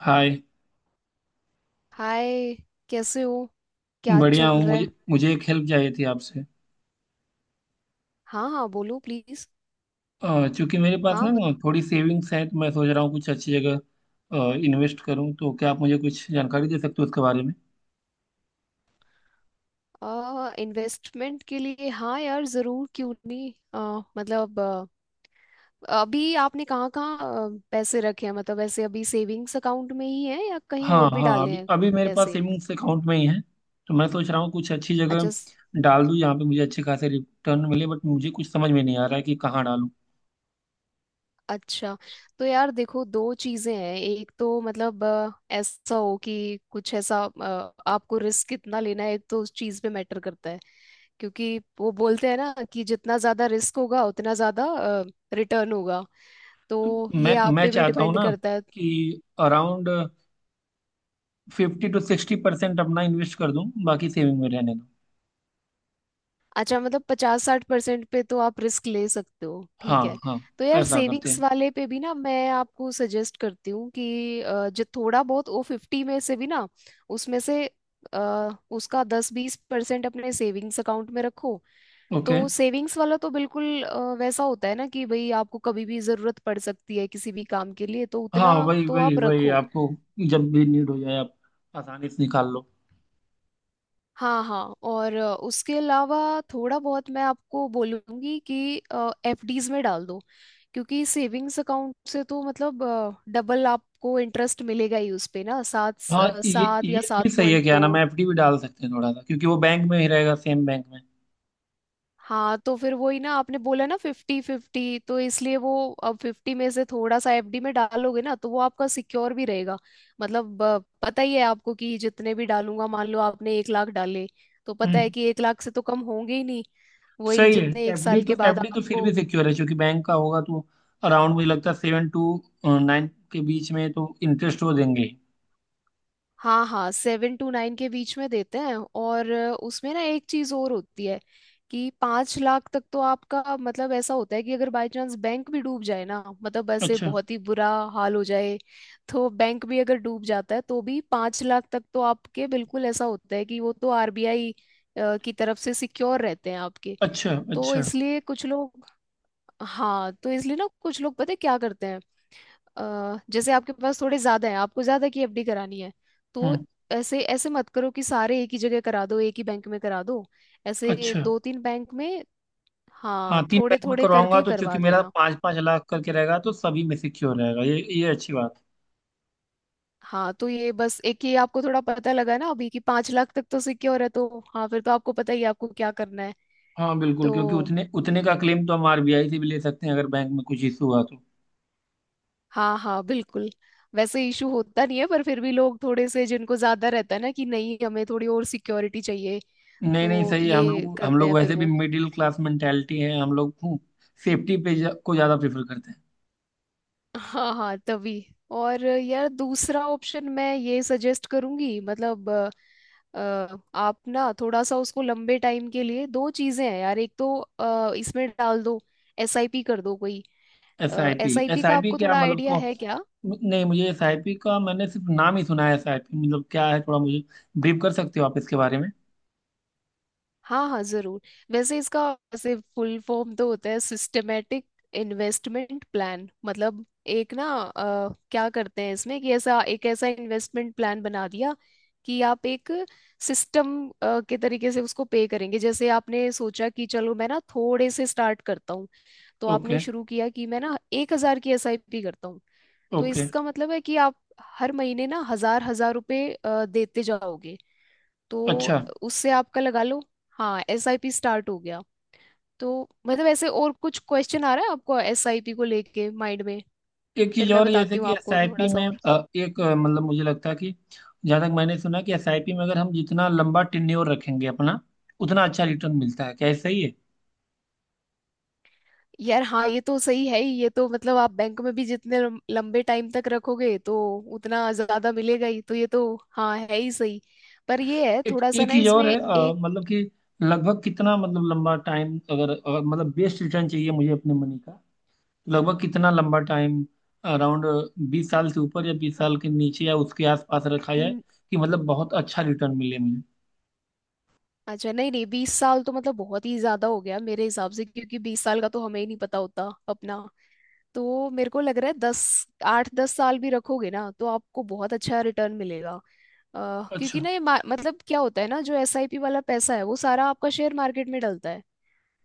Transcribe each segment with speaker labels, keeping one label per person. Speaker 1: हाय।
Speaker 2: Hi. कैसे हो? क्या
Speaker 1: बढ़िया
Speaker 2: चल
Speaker 1: हूँ।
Speaker 2: रहा है?
Speaker 1: मुझे मुझे एक हेल्प चाहिए थी आपसे।
Speaker 2: हाँ हाँ, बोलो प्लीज।
Speaker 1: चूंकि मेरे पास
Speaker 2: हाँ,
Speaker 1: ना
Speaker 2: मत।
Speaker 1: थोड़ी सेविंग्स है, तो मैं सोच रहा हूँ कुछ अच्छी जगह इन्वेस्ट करूँ। तो क्या आप मुझे कुछ जानकारी दे सकते हो उसके बारे में?
Speaker 2: इन्वेस्टमेंट के लिए, हाँ यार, जरूर, क्यों नहीं। मतलब अभी आपने कहाँ कहाँ पैसे रखे हैं? मतलब ऐसे अभी सेविंग्स अकाउंट में ही है या कहीं
Speaker 1: हाँ,
Speaker 2: और भी
Speaker 1: हाँ।
Speaker 2: डाले
Speaker 1: अभी
Speaker 2: हैं
Speaker 1: अभी मेरे पास
Speaker 2: पैसे?
Speaker 1: सेविंग्स अकाउंट में ही है। तो मैं सोच रहा हूँ कुछ अच्छी
Speaker 2: अच्छा।
Speaker 1: जगह डाल दूँ जहाँ पे मुझे अच्छे खासे रिटर्न मिले, बट मुझे कुछ समझ में नहीं आ रहा है कि कहाँ डालूँ।
Speaker 2: अच्छा। तो यार देखो, दो चीजें हैं। एक तो मतलब ऐसा हो कि कुछ ऐसा आपको रिस्क कितना लेना है, एक तो उस चीज पे मैटर करता है। क्योंकि वो बोलते हैं ना कि जितना ज्यादा रिस्क होगा, उतना ज्यादा रिटर्न होगा।
Speaker 1: तो
Speaker 2: तो ये
Speaker 1: मैं
Speaker 2: आप
Speaker 1: मैं
Speaker 2: पे भी
Speaker 1: चाहता हूँ
Speaker 2: डिपेंड
Speaker 1: ना
Speaker 2: करता है।
Speaker 1: कि अराउंड 50 से 60% अपना इन्वेस्ट कर दूँ, बाकी सेविंग में रहने दूँ।
Speaker 2: अच्छा, मतलब 50-60% पे तो आप रिस्क ले सकते हो,
Speaker 1: हाँ,
Speaker 2: ठीक है।
Speaker 1: हाँ।
Speaker 2: तो यार,
Speaker 1: ऐसा करते
Speaker 2: सेविंग्स
Speaker 1: हैं।
Speaker 2: वाले पे भी ना, मैं आपको सजेस्ट करती हूँ कि जो थोड़ा बहुत ओ फिफ्टी में से भी ना, उसमें से उसका 10-20% अपने सेविंग्स अकाउंट में रखो।
Speaker 1: ओके।
Speaker 2: तो सेविंग्स वाला तो बिल्कुल वैसा होता है ना कि भाई आपको कभी भी जरूरत पड़ सकती है किसी भी काम के लिए, तो
Speaker 1: हाँ,
Speaker 2: उतना
Speaker 1: वही
Speaker 2: तो
Speaker 1: वही
Speaker 2: आप
Speaker 1: वही
Speaker 2: रखो।
Speaker 1: आपको जब भी नीड हो जाए, आप आसानी से निकाल लो।
Speaker 2: हाँ हाँ। और उसके अलावा थोड़ा बहुत मैं आपको बोलूँगी कि एफडीज में डाल दो, क्योंकि सेविंग्स अकाउंट से तो मतलब डबल आपको इंटरेस्ट मिलेगा ही उस पे ना,
Speaker 1: हाँ, ये
Speaker 2: सात
Speaker 1: ये
Speaker 2: या सात
Speaker 1: भी सही है।
Speaker 2: पॉइंट
Speaker 1: क्या नाम
Speaker 2: दो
Speaker 1: है, एफडी भी डाल सकते हैं थोड़ा सा, क्योंकि वो बैंक में ही रहेगा, सेम बैंक में।
Speaker 2: हाँ, तो फिर वही ना, आपने बोला ना फिफ्टी फिफ्टी, तो इसलिए वो अब फिफ्टी में से थोड़ा सा एफडी में डालोगे ना, तो वो आपका सिक्योर भी रहेगा। मतलब पता ही है आपको कि जितने भी डालूंगा, मान लो आपने 1 लाख डाले, तो पता है
Speaker 1: हम्म।
Speaker 2: कि 1 लाख से तो कम होंगे ही नहीं, वही
Speaker 1: सही है।
Speaker 2: जितने एक
Speaker 1: एफडी
Speaker 2: साल
Speaker 1: तो
Speaker 2: के बाद
Speaker 1: एफडी तो फिर
Speaker 2: आपको।
Speaker 1: भी सिक्योर है क्योंकि बैंक का होगा, तो अराउंड मुझे लगता है 7 से 9 के बीच में तो इंटरेस्ट वो देंगे ही।
Speaker 2: हाँ हाँ, 7 से 9 के बीच में देते हैं। और उसमें ना एक चीज और होती है, कि 5 लाख तक तो आपका मतलब ऐसा होता है कि अगर बाय चांस बैंक भी डूब जाए ना, मतलब ऐसे
Speaker 1: अच्छा।
Speaker 2: बहुत ही बुरा हाल हो जाए, तो बैंक भी अगर डूब जाता है तो भी 5 लाख तक तो आपके बिल्कुल ऐसा होता है कि वो तो आरबीआई की तरफ से सिक्योर रहते हैं आपके।
Speaker 1: अच्छा।
Speaker 2: तो
Speaker 1: अच्छा।
Speaker 2: इसलिए कुछ लोग, हाँ, तो इसलिए ना कुछ लोग पता है क्या करते हैं, जैसे आपके पास थोड़े ज्यादा है, आपको ज्यादा की एफडी करानी है, तो
Speaker 1: हम्म।
Speaker 2: ऐसे ऐसे मत करो कि सारे एक ही जगह करा दो, एक ही बैंक में करा दो। ऐसे
Speaker 1: अच्छा।
Speaker 2: दो तीन बैंक में,
Speaker 1: हाँ,
Speaker 2: हाँ,
Speaker 1: तीन
Speaker 2: थोड़े
Speaker 1: बैंक में
Speaker 2: थोड़े
Speaker 1: करवाऊंगा,
Speaker 2: करके
Speaker 1: तो क्योंकि
Speaker 2: करवा
Speaker 1: मेरा
Speaker 2: देना।
Speaker 1: 5-5 लाख करके रहेगा तो सभी में सिक्योर रहेगा। ये अच्छी बात।
Speaker 2: हाँ, तो ये बस एक ही आपको थोड़ा पता लगा ना अभी, कि 5 लाख तक तो सिक्योर है, तो हाँ, फिर तो आपको पता ही है आपको क्या करना है।
Speaker 1: हाँ, बिल्कुल।
Speaker 2: तो
Speaker 1: क्योंकि उतने उतने का क्लेम तो हम आरबीआई से भी ले सकते हैं अगर बैंक में कुछ इशू हुआ तो।
Speaker 2: हाँ हाँ, बिल्कुल। वैसे इशू होता नहीं है, पर फिर भी लोग थोड़े से जिनको ज्यादा रहता है ना कि नहीं, हमें थोड़ी और सिक्योरिटी चाहिए,
Speaker 1: नहीं, नहीं,
Speaker 2: तो
Speaker 1: सही है। हम
Speaker 2: ये
Speaker 1: लोग हम
Speaker 2: करते
Speaker 1: लोग
Speaker 2: हैं फिर
Speaker 1: वैसे भी
Speaker 2: वो।
Speaker 1: मिडिल क्लास मेंटेलिटी है हम लोग। सेफ्टी पे को ज़्यादा प्रेफर करते हैं।
Speaker 2: हाँ हाँ, तभी। और यार दूसरा ऑप्शन मैं ये सजेस्ट करूंगी, मतलब आप ना थोड़ा सा उसको लंबे टाइम के लिए, दो चीजें हैं यार, एक तो इसमें डाल दो, एसआईपी कर दो कोई।
Speaker 1: S I P
Speaker 2: SIP
Speaker 1: S I
Speaker 2: का
Speaker 1: पी
Speaker 2: आपको
Speaker 1: क्या
Speaker 2: थोड़ा
Speaker 1: मतलब
Speaker 2: आइडिया
Speaker 1: को।
Speaker 2: है क्या?
Speaker 1: नहीं, मुझे एस आई पी का मैंने सिर्फ नाम ही सुना है। एस आई पी मतलब क्या है, थोड़ा मुझे ब्रीफ कर सकते हो आप इसके बारे में?
Speaker 2: हाँ हाँ जरूर। वैसे इसका वैसे फुल फॉर्म तो होता है सिस्टमेटिक इन्वेस्टमेंट प्लान। मतलब एक ना, क्या करते हैं इसमें कि ऐसा एक ऐसा इन्वेस्टमेंट प्लान बना दिया कि आप एक सिस्टम के तरीके से उसको पे करेंगे। जैसे आपने सोचा कि चलो, मैं ना थोड़े से स्टार्ट करता हूँ, तो आपने
Speaker 1: ओके।
Speaker 2: शुरू किया कि मैं ना 1,000 की एसआईपी करता हूँ। तो
Speaker 1: ओके।
Speaker 2: इसका मतलब है कि आप हर महीने ना हजार हजार रुपए देते जाओगे। तो
Speaker 1: अच्छा।
Speaker 2: उससे आपका लगा लो, हाँ, एस आई पी स्टार्ट हो गया। तो मतलब ऐसे और कुछ क्वेश्चन आ रहा है आपको एस आई पी को लेके माइंड में,
Speaker 1: एक चीज
Speaker 2: फिर मैं
Speaker 1: और, जैसे
Speaker 2: बताती हूँ
Speaker 1: कि
Speaker 2: आपको थोड़ा
Speaker 1: एसआईपी
Speaker 2: सा
Speaker 1: में
Speaker 2: और।
Speaker 1: एक मतलब मुझे लगता है कि जहां तक मैंने सुना कि एसआईपी में अगर हम जितना लंबा टेन्योर रखेंगे अपना, उतना अच्छा रिटर्न मिलता है, क्या ये सही है?
Speaker 2: यार हाँ, ये तो सही है ही, ये तो मतलब आप बैंक में भी जितने लंबे टाइम तक रखोगे तो उतना ज्यादा मिलेगा ही, तो ये तो हाँ, है ही सही। पर ये है
Speaker 1: एक
Speaker 2: थोड़ा सा
Speaker 1: एक
Speaker 2: ना
Speaker 1: चीज
Speaker 2: इसमें
Speaker 1: और है।
Speaker 2: एक
Speaker 1: मतलब कि लगभग कितना, मतलब लंबा टाइम, अगर मतलब बेस्ट रिटर्न चाहिए मुझे अपने मनी का, तो लगभग कितना लंबा टाइम अराउंड 20 साल से ऊपर या 20 साल के नीचे या उसके आसपास रखा जाए
Speaker 2: न-
Speaker 1: कि मतलब बहुत अच्छा रिटर्न मिले मुझे?
Speaker 2: अच्छा, नहीं नहीं, 20 साल तो मतलब बहुत ही ज्यादा हो गया मेरे हिसाब से, क्योंकि 20 साल का तो हमें ही नहीं पता होता अपना। तो मेरे को लग रहा है दस 8-10 साल भी रखोगे ना तो आपको बहुत अच्छा रिटर्न मिलेगा। क्योंकि
Speaker 1: अच्छा।
Speaker 2: ना ये मतलब क्या होता है ना, जो एसआईपी वाला पैसा है वो सारा आपका शेयर मार्केट में डलता है।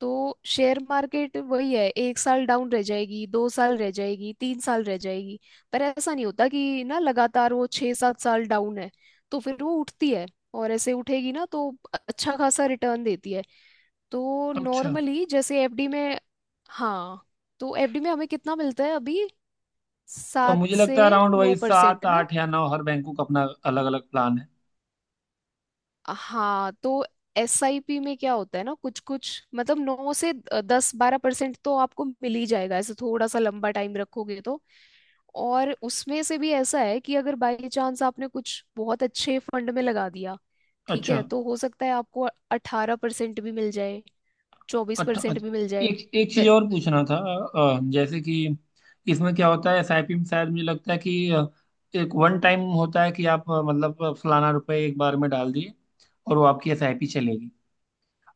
Speaker 2: तो शेयर मार्केट वही है, एक साल डाउन रह जाएगी, 2 साल रह जाएगी, 3 साल रह जाएगी, पर ऐसा नहीं होता कि ना लगातार वो 6-7 साल डाउन है। तो फिर वो उठती है, और ऐसे उठेगी ना तो अच्छा खासा रिटर्न देती है। तो
Speaker 1: अच्छा।
Speaker 2: नॉर्मली जैसे एफडी में, हाँ, तो एफडी में हमें कितना मिलता है अभी,
Speaker 1: और
Speaker 2: सात
Speaker 1: मुझे लगता है
Speaker 2: से
Speaker 1: अराउंड
Speaker 2: नौ
Speaker 1: वही सात
Speaker 2: परसेंट ना।
Speaker 1: आठ या नौ हर बैंकों का अपना अलग अलग प्लान है।
Speaker 2: हाँ, तो एसआईपी में क्या होता है ना, कुछ कुछ मतलब 9 से 10-12% तो आपको मिल ही जाएगा, ऐसे थोड़ा सा लंबा टाइम रखोगे तो। और उसमें से भी ऐसा है कि अगर बाई चांस आपने कुछ बहुत अच्छे फंड में लगा दिया, ठीक
Speaker 1: अच्छा।
Speaker 2: है, तो हो सकता है आपको 18% भी मिल जाए, चौबीस
Speaker 1: अच्छा।
Speaker 2: परसेंट भी मिल
Speaker 1: अच्छा।
Speaker 2: जाए।
Speaker 1: एक एक चीज
Speaker 2: वे-
Speaker 1: और पूछना था। जैसे कि इसमें क्या होता है एसआईपी में, शायद मुझे लगता है कि एक वन टाइम होता है कि आप मतलब फलाना रुपए एक बार में डाल दिए और वो आपकी एसआईपी चलेगी।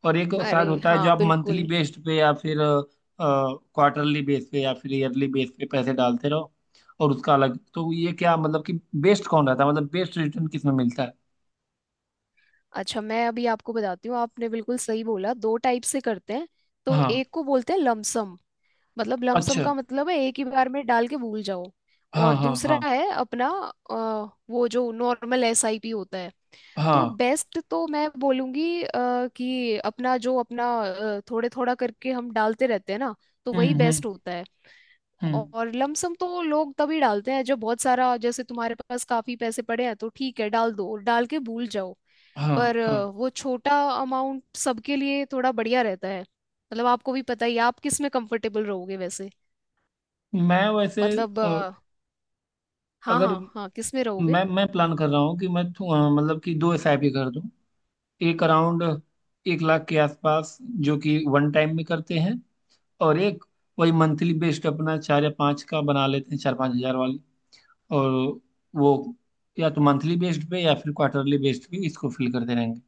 Speaker 1: और एक शायद
Speaker 2: अरे
Speaker 1: होता है जो
Speaker 2: हाँ
Speaker 1: आप मंथली
Speaker 2: बिल्कुल।
Speaker 1: बेस्ड पे या फिर क्वार्टरली बेस पे या फिर ईयरली बेस पे पैसे डालते रहो। और उसका अलग, तो ये क्या मतलब कि बेस्ट कौन रहता है, मतलब बेस्ट रिटर्न किसमें मिलता है?
Speaker 2: अच्छा, मैं अभी आपको बताती हूँ, आपने बिल्कुल सही बोला, दो टाइप से करते हैं। तो
Speaker 1: हाँ।
Speaker 2: एक को बोलते हैं लमसम। मतलब लमसम
Speaker 1: अच्छा।
Speaker 2: का मतलब है एक ही बार में डाल के भूल जाओ।
Speaker 1: हाँ,
Speaker 2: और
Speaker 1: हाँ,
Speaker 2: दूसरा
Speaker 1: हाँ।
Speaker 2: है अपना अ, वो जो नॉर्मल एसआईपी होता है। तो
Speaker 1: हाँ।
Speaker 2: बेस्ट तो मैं बोलूंगी कि अपना जो अपना थोड़े थोड़ा करके हम डालते रहते हैं ना, तो वही
Speaker 1: हम्म। हम्म।
Speaker 2: बेस्ट होता है।
Speaker 1: हम्म।
Speaker 2: और लमसम तो लोग तभी डालते हैं जब बहुत सारा, जैसे तुम्हारे पास काफी पैसे पड़े हैं तो ठीक है, डाल दो, डाल के भूल जाओ।
Speaker 1: हाँ,
Speaker 2: पर
Speaker 1: हाँ।
Speaker 2: वो छोटा अमाउंट सबके लिए थोड़ा बढ़िया रहता है, मतलब आपको भी पता ही है, आप किस में कंफर्टेबल रहोगे वैसे।
Speaker 1: मैं वैसे,
Speaker 2: मतलब
Speaker 1: अ,
Speaker 2: हाँ
Speaker 1: अगर
Speaker 2: हाँ हाँ, किस में रहोगे?
Speaker 1: मैं प्लान कर रहा हूँ कि मैं मतलब कि 2 एसआईपी कर दूँ। एक अराउंड 1 लाख के आसपास, जो कि वन टाइम में करते हैं, और एक वही मंथली बेस्ड अपना चार या पाँच का बना लेते हैं, 4-5 हजार वाली। और वो या तो मंथली बेस्ड पे या फिर क्वार्टरली बेस्ड पे इसको फिल करते रहेंगे।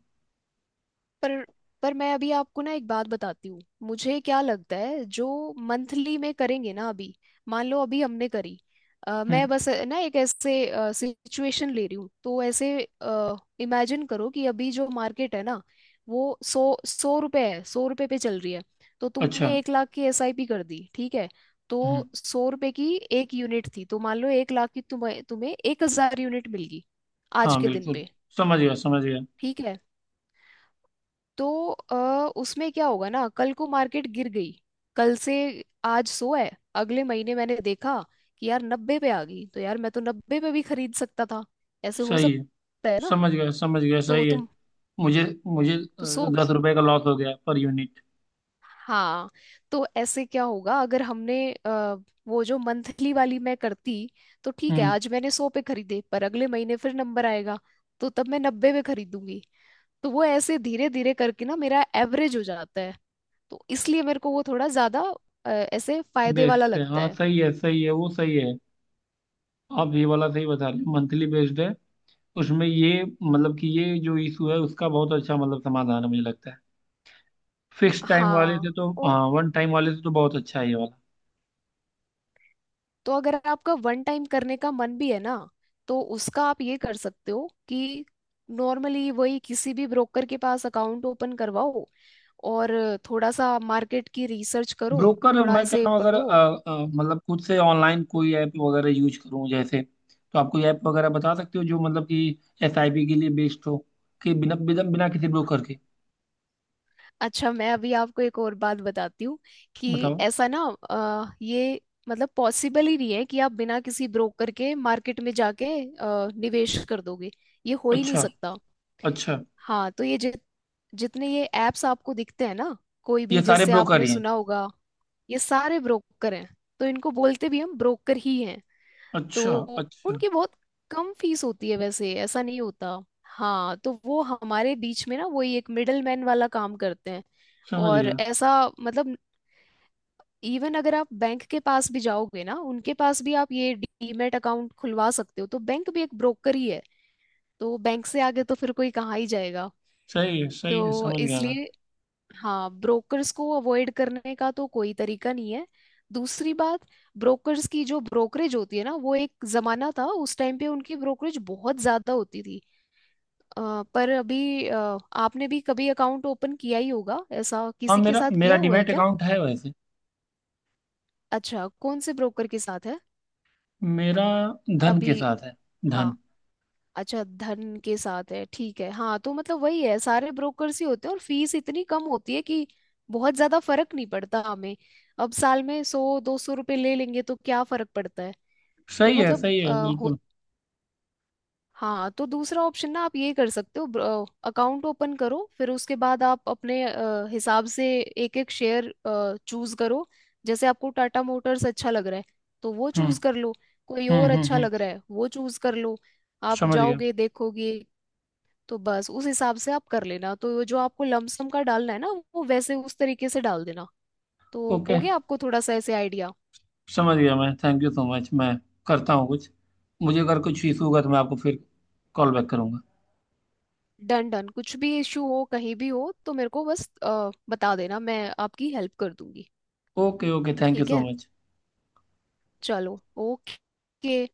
Speaker 2: पर पर मैं अभी आपको ना एक बात बताती हूँ, मुझे क्या लगता है जो मंथली में करेंगे ना अभी, मान लो अभी हमने करी, मैं
Speaker 1: हम्म।
Speaker 2: बस ना एक ऐसे सिचुएशन ले रही हूँ, तो ऐसे इमेजिन करो कि अभी जो मार्केट है ना, वो सौ सौ रुपए है, 100 रुपए पे चल रही है। तो
Speaker 1: अच्छा।
Speaker 2: तुमने 1 लाख की एसआईपी कर दी, ठीक है। तो
Speaker 1: हम्म।
Speaker 2: 100 रुपए की एक यूनिट थी, तो मान लो 1 लाख की तुम्हें तुम्हें 1,000 यूनिट मिल गई आज
Speaker 1: हाँ,
Speaker 2: के दिन
Speaker 1: बिल्कुल।
Speaker 2: पे,
Speaker 1: समझ गया, समझ गया,
Speaker 2: ठीक है। तो उसमें क्या होगा ना, कल को मार्केट गिर गई। कल से आज 100 है, अगले महीने मैंने देखा कि यार 90 पे आ गई, तो यार, मैं तो 90 पे भी खरीद सकता था। ऐसे हो
Speaker 1: सही है।
Speaker 2: सकता है ना।
Speaker 1: समझ गया, समझ गया,
Speaker 2: तो
Speaker 1: सही है।
Speaker 2: तुम।
Speaker 1: मुझे मुझे
Speaker 2: तो सो।
Speaker 1: 10 रुपए का लॉस हो गया पर यूनिट।
Speaker 2: हाँ, तो ऐसे क्या होगा अगर हमने, वो जो मंथली वाली मैं करती, तो ठीक है,
Speaker 1: हम्म।
Speaker 2: आज मैंने 100 पे खरीदे, पर अगले महीने फिर नंबर आएगा, तो तब मैं 90 पे खरीदूंगी। तो वो ऐसे धीरे धीरे करके ना मेरा एवरेज हो जाता है। तो इसलिए मेरे को वो थोड़ा ज्यादा ऐसे फायदे
Speaker 1: बेस्ड
Speaker 2: वाला
Speaker 1: है,
Speaker 2: लगता
Speaker 1: हाँ,
Speaker 2: है।
Speaker 1: सही है, सही है, वो सही है। आप ये वाला सही बता रहे हो, मंथली बेस्ड है। उसमें ये मतलब कि ये जो इशू है उसका बहुत अच्छा मतलब समाधान है, मुझे लगता है। फिक्स टाइम वाले
Speaker 2: हाँ।
Speaker 1: से तो
Speaker 2: और
Speaker 1: हाँ, वन टाइम वाले से तो बहुत अच्छा है ये वाला।
Speaker 2: तो अगर आपका वन टाइम करने का मन भी है ना, तो उसका आप ये कर सकते हो कि नॉर्मली वही किसी भी ब्रोकर के पास अकाउंट ओपन करवाओ, और थोड़ा सा मार्केट की रिसर्च करो,
Speaker 1: ब्रोकर,
Speaker 2: थोड़ा
Speaker 1: मैं कह
Speaker 2: ऐसे
Speaker 1: रहा हूँ अगर
Speaker 2: पढ़ो।
Speaker 1: मतलब खुद से ऑनलाइन कोई ऐप वगैरह यूज करूँ जैसे, तो आप कोई ऐप वगैरह बता सकते हो जो मतलब कि एसआईपी के लिए बेस्ड हो, कि बिना बिना बिना किसी ब्रोकर के?
Speaker 2: अच्छा, मैं अभी आपको एक और बात बताती हूँ, कि
Speaker 1: बताओ।
Speaker 2: ऐसा ना, ये मतलब पॉसिबल ही नहीं है कि आप बिना किसी ब्रोकर के मार्केट में जाके निवेश कर दोगे, ये हो ही नहीं
Speaker 1: अच्छा।
Speaker 2: सकता।
Speaker 1: अच्छा।
Speaker 2: हाँ, तो ये जितने ये एप्स आपको दिखते हैं ना, कोई भी
Speaker 1: ये सारे
Speaker 2: जैसे
Speaker 1: ब्रोकर
Speaker 2: आपने
Speaker 1: ही हैं।
Speaker 2: सुना होगा, ये सारे ब्रोकर हैं। तो इनको बोलते भी हम ब्रोकर ही हैं। तो
Speaker 1: अच्छा। अच्छा।
Speaker 2: उनकी बहुत कम फीस होती है, वैसे ऐसा नहीं होता। हाँ, तो वो हमारे बीच में ना, वही एक मिडल मैन वाला काम करते हैं।
Speaker 1: समझ
Speaker 2: और
Speaker 1: गया।
Speaker 2: ऐसा मतलब, इवन अगर आप बैंक के पास भी जाओगे ना, उनके पास भी आप ये डीमैट अकाउंट खुलवा सकते हो, तो बैंक भी एक ब्रोकर ही है। तो बैंक से आगे तो फिर कोई कहाँ ही जाएगा।
Speaker 1: सही है, सही है,
Speaker 2: तो
Speaker 1: समझ गया मैं।
Speaker 2: इसलिए हाँ, ब्रोकर्स को अवॉइड करने का तो कोई तरीका नहीं है। दूसरी बात, ब्रोकर्स की जो ब्रोकरेज होती है ना, वो एक जमाना था उस टाइम पे उनकी ब्रोकरेज बहुत ज्यादा होती थी। पर अभी, आपने भी कभी अकाउंट ओपन किया ही होगा, ऐसा
Speaker 1: हाँ,
Speaker 2: किसी के
Speaker 1: मेरा
Speaker 2: साथ
Speaker 1: मेरा
Speaker 2: किया हुआ है
Speaker 1: डीमैट
Speaker 2: क्या?
Speaker 1: अकाउंट है वैसे।
Speaker 2: अच्छा, कौन से ब्रोकर के साथ है
Speaker 1: मेरा धन के
Speaker 2: अभी?
Speaker 1: साथ है।
Speaker 2: हाँ,
Speaker 1: धन।
Speaker 2: अच्छा, धन के साथ है, ठीक है। हाँ, तो मतलब वही है, सारे ब्रोकर्स ही होते हैं और फीस इतनी कम होती है कि बहुत ज्यादा फर्क नहीं पड़ता हमें। अब साल में 100-200 रुपये ले लेंगे तो क्या फर्क पड़ता है। तो
Speaker 1: सही है,
Speaker 2: मतलब
Speaker 1: सही
Speaker 2: आ,
Speaker 1: है,
Speaker 2: हो
Speaker 1: बिल्कुल।
Speaker 2: हाँ, तो दूसरा ऑप्शन ना, आप ये कर सकते हो अकाउंट ओपन करो, फिर उसके बाद आप अपने हिसाब से एक एक शेयर चूज करो। जैसे आपको टाटा मोटर्स अच्छा लग रहा है तो वो
Speaker 1: हम्म।
Speaker 2: चूज कर लो। कोई
Speaker 1: हम्म।
Speaker 2: और
Speaker 1: हम्म।
Speaker 2: अच्छा
Speaker 1: हम्म।
Speaker 2: लग रहा है वो चूज कर लो। आप
Speaker 1: समझ गया।
Speaker 2: जाओगे देखोगे, तो बस उस हिसाब से आप कर लेना। तो वो जो आपको लमसम का डालना है ना, वो वैसे उस तरीके से डाल देना। तो
Speaker 1: ओके।
Speaker 2: हो गया आपको थोड़ा सा ऐसे आइडिया।
Speaker 1: समझ गया मैं। Thank you so much. मैं करता हूँ कुछ। मुझे अगर कुछ इशू होगा तो मैं आपको फिर कॉल बैक करूँगा।
Speaker 2: डन डन, कुछ भी इश्यू हो, कहीं भी हो तो मेरे को बस बता देना, मैं आपकी हेल्प कर दूंगी।
Speaker 1: ओके। ओके। थैंक यू
Speaker 2: ठीक
Speaker 1: सो
Speaker 2: है,
Speaker 1: मच।
Speaker 2: चलो, ओके।